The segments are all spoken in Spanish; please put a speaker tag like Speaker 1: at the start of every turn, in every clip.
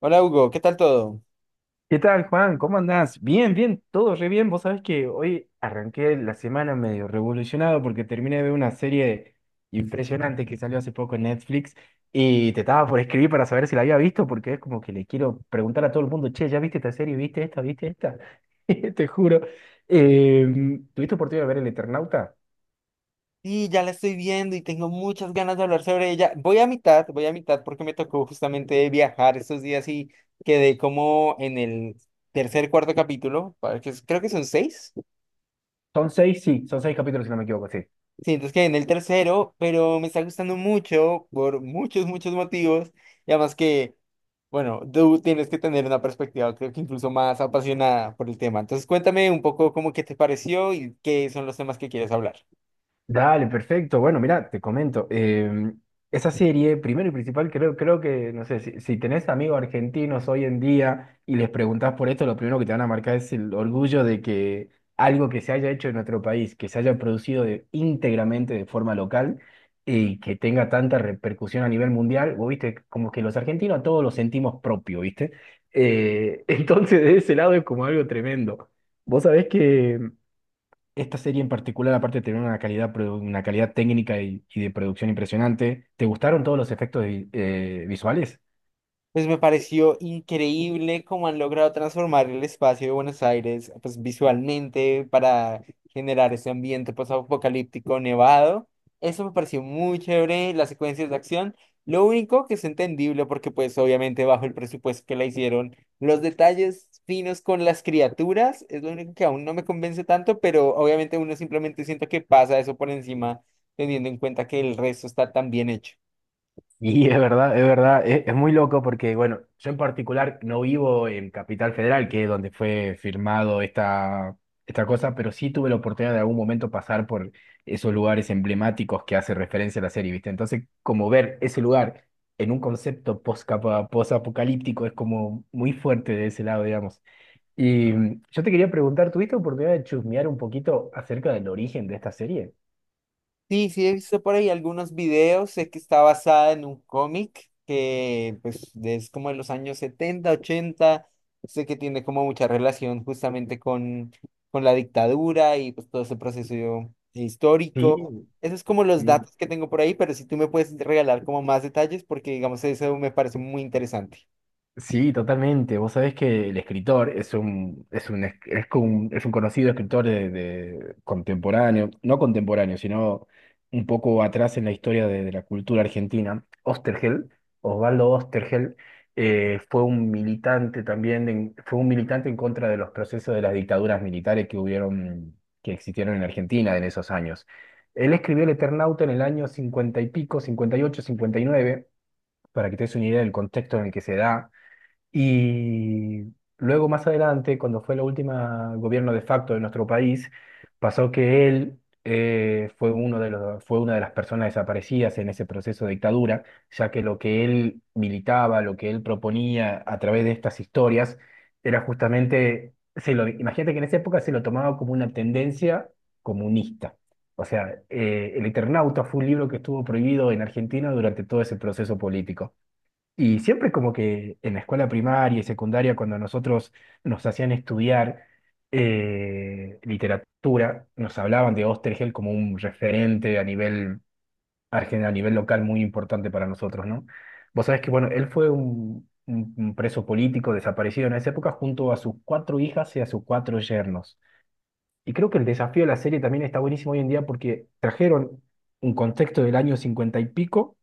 Speaker 1: Hola Hugo, ¿qué tal todo?
Speaker 2: ¿Qué tal, Juan? ¿Cómo andás? Bien, todo re bien. Vos sabés que hoy arranqué la semana medio revolucionado porque terminé de ver una serie impresionante que salió hace poco en Netflix y te estaba por escribir para saber si la había visto porque es como que le quiero preguntar a todo el mundo, che, ¿ya viste esta serie? ¿Viste esta? ¿Viste esta? Te juro. ¿Tuviste oportunidad de ver El Eternauta?
Speaker 1: Sí, ya la estoy viendo y tengo muchas ganas de hablar sobre ella. Voy a mitad porque me tocó justamente viajar estos días y quedé como en el tercer, cuarto capítulo, creo que son seis.
Speaker 2: Son seis, sí, son seis capítulos si no me equivoco, sí.
Speaker 1: Sí, entonces quedé en el tercero, pero me está gustando mucho por muchos, muchos motivos. Y además que, bueno, tú tienes que tener una perspectiva, creo que incluso más apasionada por el tema. Entonces cuéntame un poco cómo que te pareció y qué son los temas que quieres hablar.
Speaker 2: Dale, perfecto. Bueno, mira, te comento. Esa serie, primero y principal, creo que, no sé, si tenés amigos argentinos hoy en día y les preguntás por esto, lo primero que te van a marcar es el orgullo de que algo que se haya hecho en nuestro país, que se haya producido íntegramente de forma local y que tenga tanta repercusión a nivel mundial, vos viste, como que los argentinos todos lo sentimos propio, ¿viste? Entonces, de ese lado es como algo tremendo. Vos sabés que esta serie en particular, aparte de tener una calidad, una calidad técnica y de producción impresionante, ¿te gustaron todos los efectos visuales?
Speaker 1: Pues me pareció increíble cómo han logrado transformar el espacio de Buenos Aires, pues visualmente para generar ese ambiente post-apocalíptico nevado. Eso me pareció muy chévere, las secuencias de acción. Lo único que es entendible porque pues obviamente bajo el presupuesto que la hicieron, los detalles finos con las criaturas es lo único que aún no me convence tanto, pero obviamente uno simplemente siento que pasa eso por encima, teniendo en cuenta que el resto está tan bien hecho.
Speaker 2: Y es verdad, es muy loco porque, bueno, yo en particular no vivo en Capital Federal, que es donde fue firmado esta cosa, pero sí tuve la oportunidad de algún momento pasar por esos lugares emblemáticos que hace referencia a la serie, ¿viste? Entonces, como ver ese lugar en un concepto post-apocalíptico es como muy fuerte de ese lado, digamos. Y yo te quería preguntar, ¿tuviste oportunidad de chusmear un poquito acerca del origen de esta serie?
Speaker 1: Sí, sí, he visto por ahí algunos videos, sé que está basada en un cómic que pues es como de los años 70, 80. Sé que tiene como mucha relación justamente con la dictadura y pues todo ese proceso histórico.
Speaker 2: Sí,
Speaker 1: Eso es como los
Speaker 2: sí.
Speaker 1: datos que tengo por ahí, pero si tú me puedes regalar como más detalles porque digamos eso me parece muy interesante.
Speaker 2: Sí, totalmente. Vos sabés que el escritor es un conocido escritor de contemporáneo, no contemporáneo, sino un poco atrás en la historia de la cultura argentina. Osterhel, Osvaldo Osterhel, fue un militante también, fue un militante en contra de los procesos de las dictaduras militares que hubieron, que existieron en Argentina en esos años. Él escribió El Eternauta en el año 50 y pico, cincuenta y ocho, cincuenta y nueve, para que te des una idea del contexto en el que se da. Y luego más adelante, cuando fue la última gobierno de facto de nuestro país, pasó que él fue una de las personas desaparecidas en ese proceso de dictadura, ya que lo que él militaba, lo que él proponía a través de estas historias, era justamente, imagínate que en esa época se lo tomaba como una tendencia comunista. O sea, El Eternauta fue un libro que estuvo prohibido en Argentina durante todo ese proceso político. Y siempre como que en la escuela primaria y secundaria, cuando nosotros nos hacían estudiar literatura, nos hablaban de Osterhel como un referente a nivel, a nivel local muy importante para nosotros, ¿no? Vos sabés que, bueno, él fue un preso político desaparecido en esa época junto a sus cuatro hijas y a sus cuatro yernos. Y creo que el desafío de la serie también está buenísimo hoy en día porque trajeron un contexto del año 50 y pico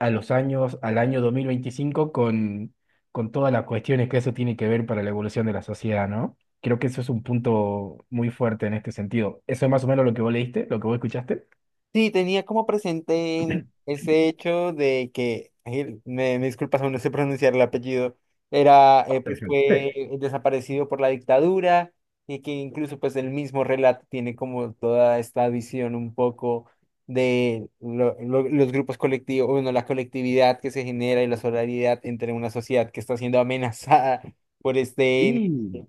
Speaker 2: a los años, al año 2025 con todas las cuestiones que eso tiene que ver para la evolución de la sociedad, ¿no? Creo que eso es un punto muy fuerte en este sentido. ¿Eso es más o menos lo que vos leíste, lo que vos escuchaste?
Speaker 1: Sí, tenía como presente ese hecho de que, ay, me disculpas, aún no sé pronunciar el apellido, era, pues fue
Speaker 2: Perfecto.
Speaker 1: desaparecido por la dictadura y que incluso pues el mismo relato tiene como toda esta visión un poco de los grupos colectivos, bueno, la colectividad que se genera y la solidaridad entre una sociedad que está siendo amenazada por este
Speaker 2: Sí,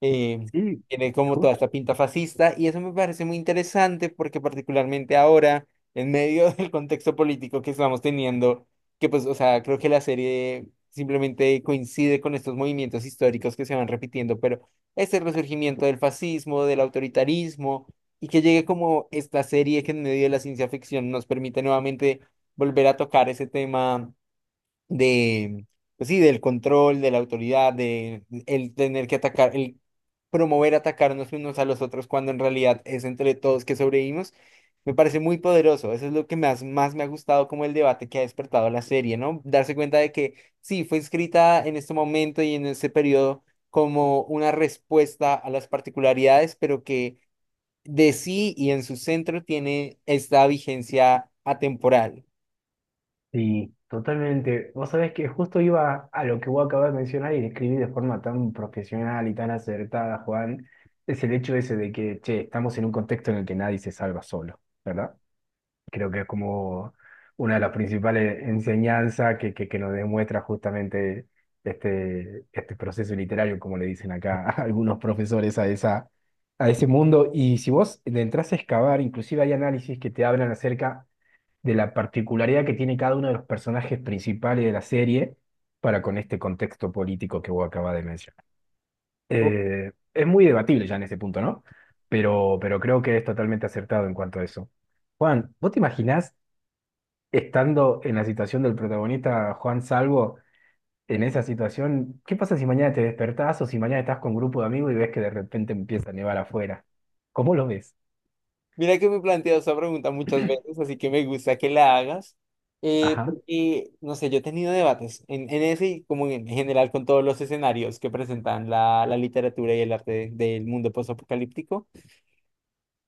Speaker 1: eh,
Speaker 2: sí,
Speaker 1: tiene como toda
Speaker 2: sí,
Speaker 1: esta pinta fascista y eso me parece muy interesante porque particularmente ahora, en medio del contexto político que estamos teniendo, que pues, o sea, creo que la serie simplemente coincide con estos movimientos históricos que se van repitiendo, pero este resurgimiento del fascismo, del autoritarismo y que llegue como esta serie que en medio de la ciencia ficción nos permite nuevamente volver a tocar ese tema de, pues sí, del control, de la autoridad, de el tener que atacar, el promover atacarnos unos a los otros cuando en realidad es entre todos que sobrevivimos, me parece muy poderoso. Eso es lo que más, más me ha gustado como el debate que ha despertado la serie, ¿no? Darse cuenta de que sí, fue escrita en este momento y en ese periodo como una respuesta a las particularidades, pero que de sí y en su centro tiene esta vigencia atemporal.
Speaker 2: sí, totalmente. Vos sabés que justo iba a lo que vos acabas de mencionar y describí de forma tan profesional y tan acertada, Juan, es el hecho ese de que, che, estamos en un contexto en el que nadie se salva solo, ¿verdad? Creo que es como una de las principales enseñanzas que nos demuestra justamente este proceso literario, como le dicen acá a algunos profesores a a ese mundo. Y si vos le entras a excavar, inclusive hay análisis que te hablan acerca de la particularidad que tiene cada uno de los personajes principales de la serie para con este contexto político que vos acabas de mencionar. Es muy debatible ya en este punto, ¿no? Pero creo que es totalmente acertado en cuanto a eso. Juan, ¿vos te imaginás estando en la situación del protagonista Juan Salvo, en esa situación? ¿Qué pasa si mañana te despertás o si mañana estás con un grupo de amigos y ves que de repente empieza a nevar afuera? ¿Cómo lo ves?
Speaker 1: Mira que me he planteado esa pregunta muchas veces, así que me gusta que la hagas,
Speaker 2: Ajá.
Speaker 1: porque, no sé, yo he tenido debates en ese y como en general con todos los escenarios que presentan la literatura y el arte del mundo postapocalíptico.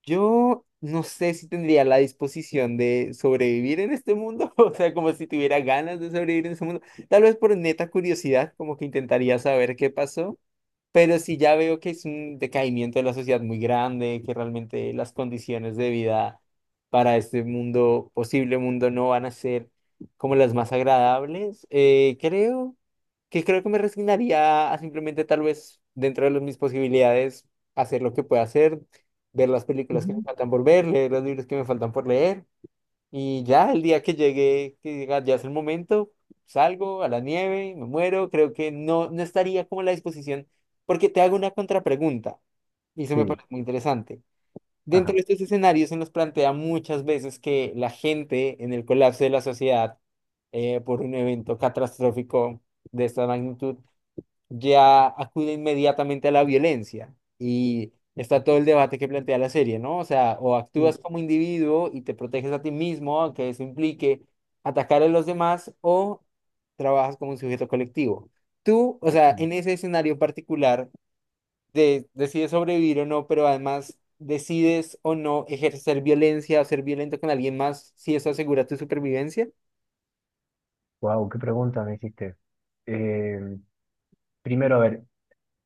Speaker 1: Yo no sé si tendría la disposición de sobrevivir en este mundo, o sea, como si tuviera ganas de sobrevivir en ese mundo, tal vez por neta curiosidad, como que intentaría saber qué pasó. Pero si ya veo que es un decaimiento de la sociedad muy grande, que realmente las condiciones de vida para este mundo, posible mundo, no van a ser como las más agradables, creo que me resignaría a simplemente tal vez dentro de mis posibilidades hacer lo que pueda hacer, ver las películas que me
Speaker 2: Ujú.
Speaker 1: faltan por ver, leer los libros que me faltan por leer y ya el día que llegue, que diga, ya es el momento, salgo a la nieve, me muero, creo que no, no estaría como a la disposición, porque te hago una contrapregunta, y eso me
Speaker 2: Sí,
Speaker 1: parece muy interesante. Dentro de
Speaker 2: ajá.
Speaker 1: estos escenarios se nos plantea muchas veces que la gente en el colapso de la sociedad por un evento catastrófico de esta magnitud ya acude inmediatamente a la violencia. Y está todo el debate que plantea la serie, ¿no? O sea, o
Speaker 2: Sí.
Speaker 1: actúas como individuo y te proteges a ti mismo, aunque eso implique atacar a los demás, o trabajas como un sujeto colectivo. Tú, o sea, en ese escenario particular, decides sobrevivir o no, pero además decides o no ejercer violencia o ser violento con alguien más si eso asegura tu supervivencia.
Speaker 2: Wow, qué pregunta me hiciste. Eh, primero, a ver,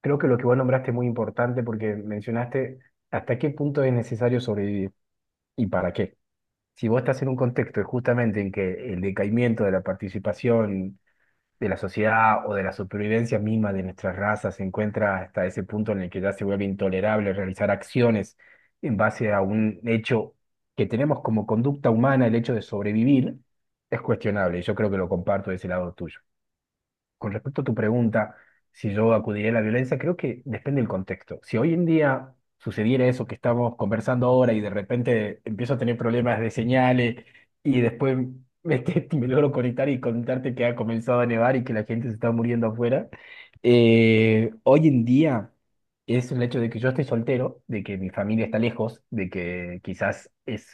Speaker 2: creo que lo que vos nombraste es muy importante porque mencionaste hasta qué punto es necesario sobrevivir y para qué. Si vos estás en un contexto justamente en que el decaimiento de la participación de la sociedad o de la supervivencia misma de nuestras razas se encuentra hasta ese punto en el que ya se vuelve intolerable realizar acciones en base a un hecho que tenemos como conducta humana, el hecho de sobrevivir, es cuestionable. Yo creo que lo comparto de ese lado tuyo. Con respecto a tu pregunta, si yo acudiría a la violencia, creo que depende del contexto. Si hoy en día sucediera eso que estamos conversando ahora y de repente empiezo a tener problemas de señales y después que me logro conectar y contarte que ha comenzado a nevar y que la gente se está muriendo afuera, hoy en día es el hecho de que yo estoy soltero, de que mi familia está lejos, de que quizás es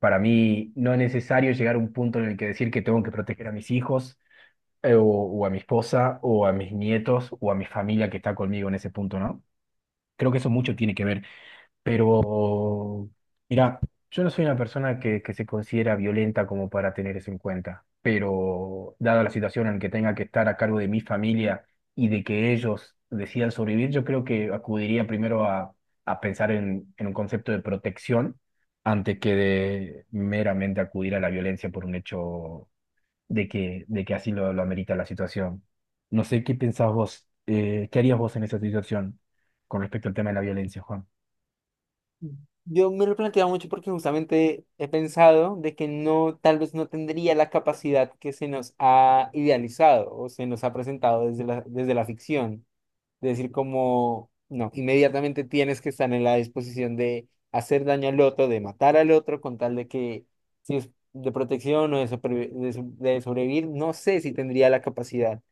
Speaker 2: para mí no necesario llegar a un punto en el que decir que tengo que proteger a mis hijos o a mi esposa, o a mis nietos, o a mi familia que está conmigo en ese punto, ¿no? Creo que eso mucho tiene que ver, pero mira, yo no soy una persona que se considera violenta como para tener eso en cuenta, pero dada la situación en que tenga que estar a cargo de mi familia y de que ellos decidan sobrevivir, yo creo que acudiría primero a pensar en un concepto de protección antes que de meramente acudir a la violencia por un hecho de que así lo amerita la situación. No sé qué pensás vos, qué harías vos en esa situación con respecto al tema de la violencia, Juan.
Speaker 1: Yo me lo he planteado mucho porque justamente he pensado de que no, tal vez no tendría la capacidad que se nos ha idealizado o se nos ha presentado desde la ficción. De decir como, no, inmediatamente tienes que estar en la disposición de hacer daño al otro, de matar al otro, con tal de que si es de protección o de sobrevivir, no sé si tendría la capacidad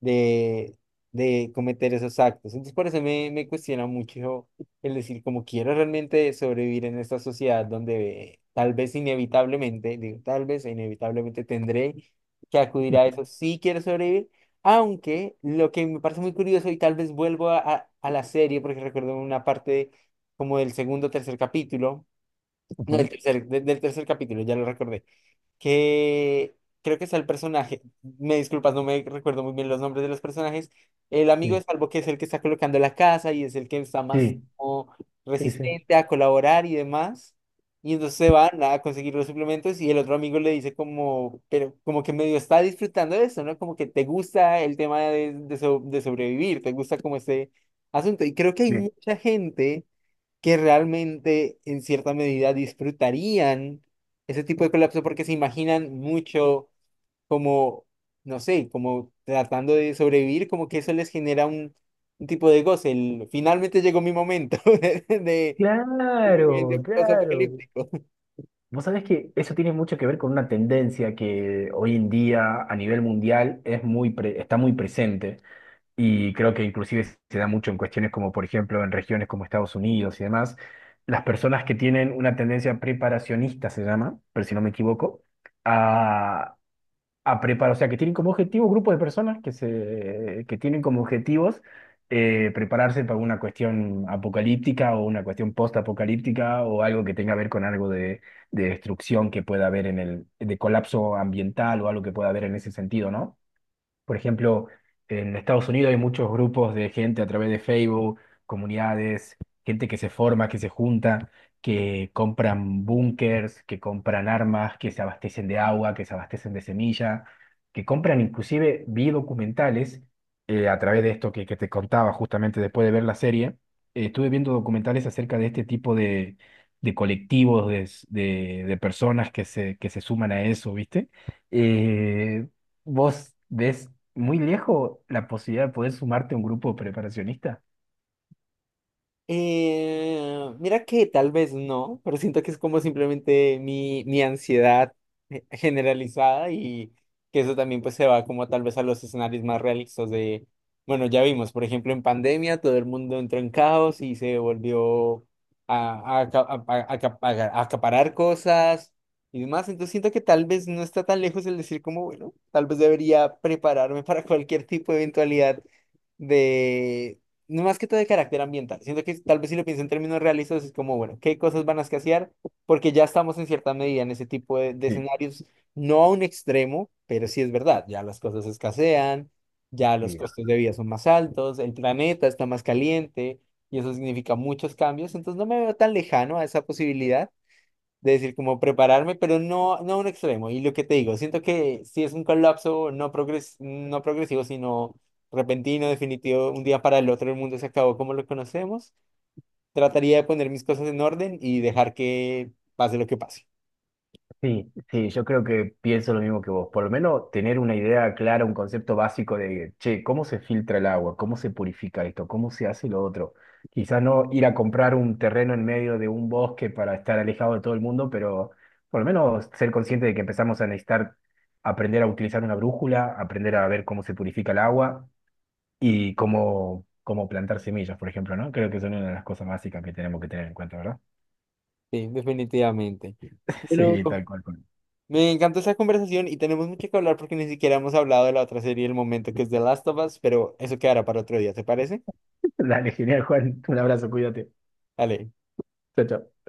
Speaker 1: de, de cometer esos actos. Entonces, por eso me cuestiona mucho el decir, como quiero realmente sobrevivir en esta sociedad donde tal vez inevitablemente, digo, tal vez e inevitablemente tendré que acudir a
Speaker 2: Ujú,
Speaker 1: eso si quiero sobrevivir. Aunque lo que me parece muy curioso, y tal vez vuelvo a la serie, porque recuerdo una parte como del segundo o tercer capítulo, no, del
Speaker 2: ujú.
Speaker 1: tercer, del tercer capítulo, ya lo recordé que creo que es el personaje, me disculpas, no me recuerdo muy bien los nombres de los personajes, el amigo de
Speaker 2: Sí,
Speaker 1: Salvo que es el que está colocando la casa y es el que está más
Speaker 2: sí,
Speaker 1: como
Speaker 2: sí, sí.
Speaker 1: resistente a colaborar y demás, y entonces se van a conseguir los suplementos y el otro amigo le dice como, pero como que medio está disfrutando de eso, ¿no? Como que te gusta el tema de, de sobrevivir, te gusta como ese asunto, y creo que hay
Speaker 2: Sí.
Speaker 1: mucha gente que realmente en cierta medida disfrutarían ese tipo de colapso porque se imaginan mucho como, no sé, como tratando de sobrevivir, como que eso les genera un tipo de goce. Finalmente llegó mi momento de,
Speaker 2: Claro, claro.
Speaker 1: de,
Speaker 2: Vos sabés que eso tiene mucho que ver con una tendencia que hoy en día a nivel mundial es está muy presente. Y creo que inclusive se da mucho en cuestiones como, por ejemplo, en regiones como Estados Unidos y demás, las personas que tienen una tendencia preparacionista, se llama, pero si no me equivoco, a, a preparar, o sea, que tienen como objetivo grupos de personas que tienen como objetivos prepararse para una cuestión apocalíptica o una cuestión post-apocalíptica o algo que tenga que ver con algo de destrucción que pueda haber en el, de colapso ambiental o algo que pueda haber en ese sentido, ¿no? Por ejemplo, en Estados Unidos hay muchos grupos de gente a través de Facebook, comunidades, gente que se forma, que se junta, que compran búnkers, que compran armas, que se abastecen de agua, que se abastecen de semilla, que compran inclusive vi documentales a través de esto que te contaba justamente después de ver la serie. Estuve viendo documentales acerca de este tipo de colectivos, de personas que se suman a eso, ¿viste? Eh, ¿Vos ves muy lejos la posibilidad de poder sumarte a un grupo preparacionista?
Speaker 1: Mira que tal vez no, pero siento que es como simplemente mi ansiedad generalizada y que eso también pues se va como tal vez a los escenarios más realistas de, bueno, ya vimos, por ejemplo, en pandemia todo el mundo entró en caos y se volvió a, a aca- a- a- aca- a- acaparar cosas y demás, entonces siento que tal vez no está tan lejos el decir como, bueno, tal vez debería prepararme para cualquier tipo de eventualidad no más que todo de carácter ambiental. Siento que tal vez si lo pienso en términos realistas, es como, bueno, ¿qué cosas van a escasear? Porque ya estamos en cierta medida en ese tipo de
Speaker 2: Sí,
Speaker 1: escenarios, no a un extremo, pero sí es verdad, ya las cosas escasean, ya los
Speaker 2: sí,
Speaker 1: costos de vida son más altos, el planeta está más caliente y eso significa muchos cambios, entonces no me veo tan lejano a esa posibilidad de decir como prepararme, pero no, no a un extremo. Y lo que te digo, siento que si es un colapso no progresivo, sino repentino, definitivo, un día para el otro el mundo se acabó como lo conocemos, trataría de poner mis cosas en orden y dejar que pase lo que pase.
Speaker 2: sí, sí, yo creo que pienso lo mismo que vos. Por lo menos tener una idea clara, un concepto básico de, che, ¿cómo se filtra el agua? ¿Cómo se purifica esto? ¿Cómo se hace lo otro? Quizás no ir a comprar un terreno en medio de un bosque para estar alejado de todo el mundo, pero por lo menos ser consciente de que empezamos a necesitar aprender a utilizar una brújula, aprender a ver cómo se purifica el agua y cómo plantar semillas, por ejemplo, ¿no? Creo que son una de las cosas básicas que tenemos que tener en cuenta, ¿verdad?
Speaker 1: Sí, definitivamente. Bueno,
Speaker 2: Sí, tal cual. Juan.
Speaker 1: me encantó esa conversación y tenemos mucho que hablar porque ni siquiera hemos hablado de la otra serie del momento que es The Last of Us, pero eso quedará para otro día, ¿te parece?
Speaker 2: Dale, genial, Juan. Un abrazo, cuídate.
Speaker 1: Dale.
Speaker 2: Chao, chao.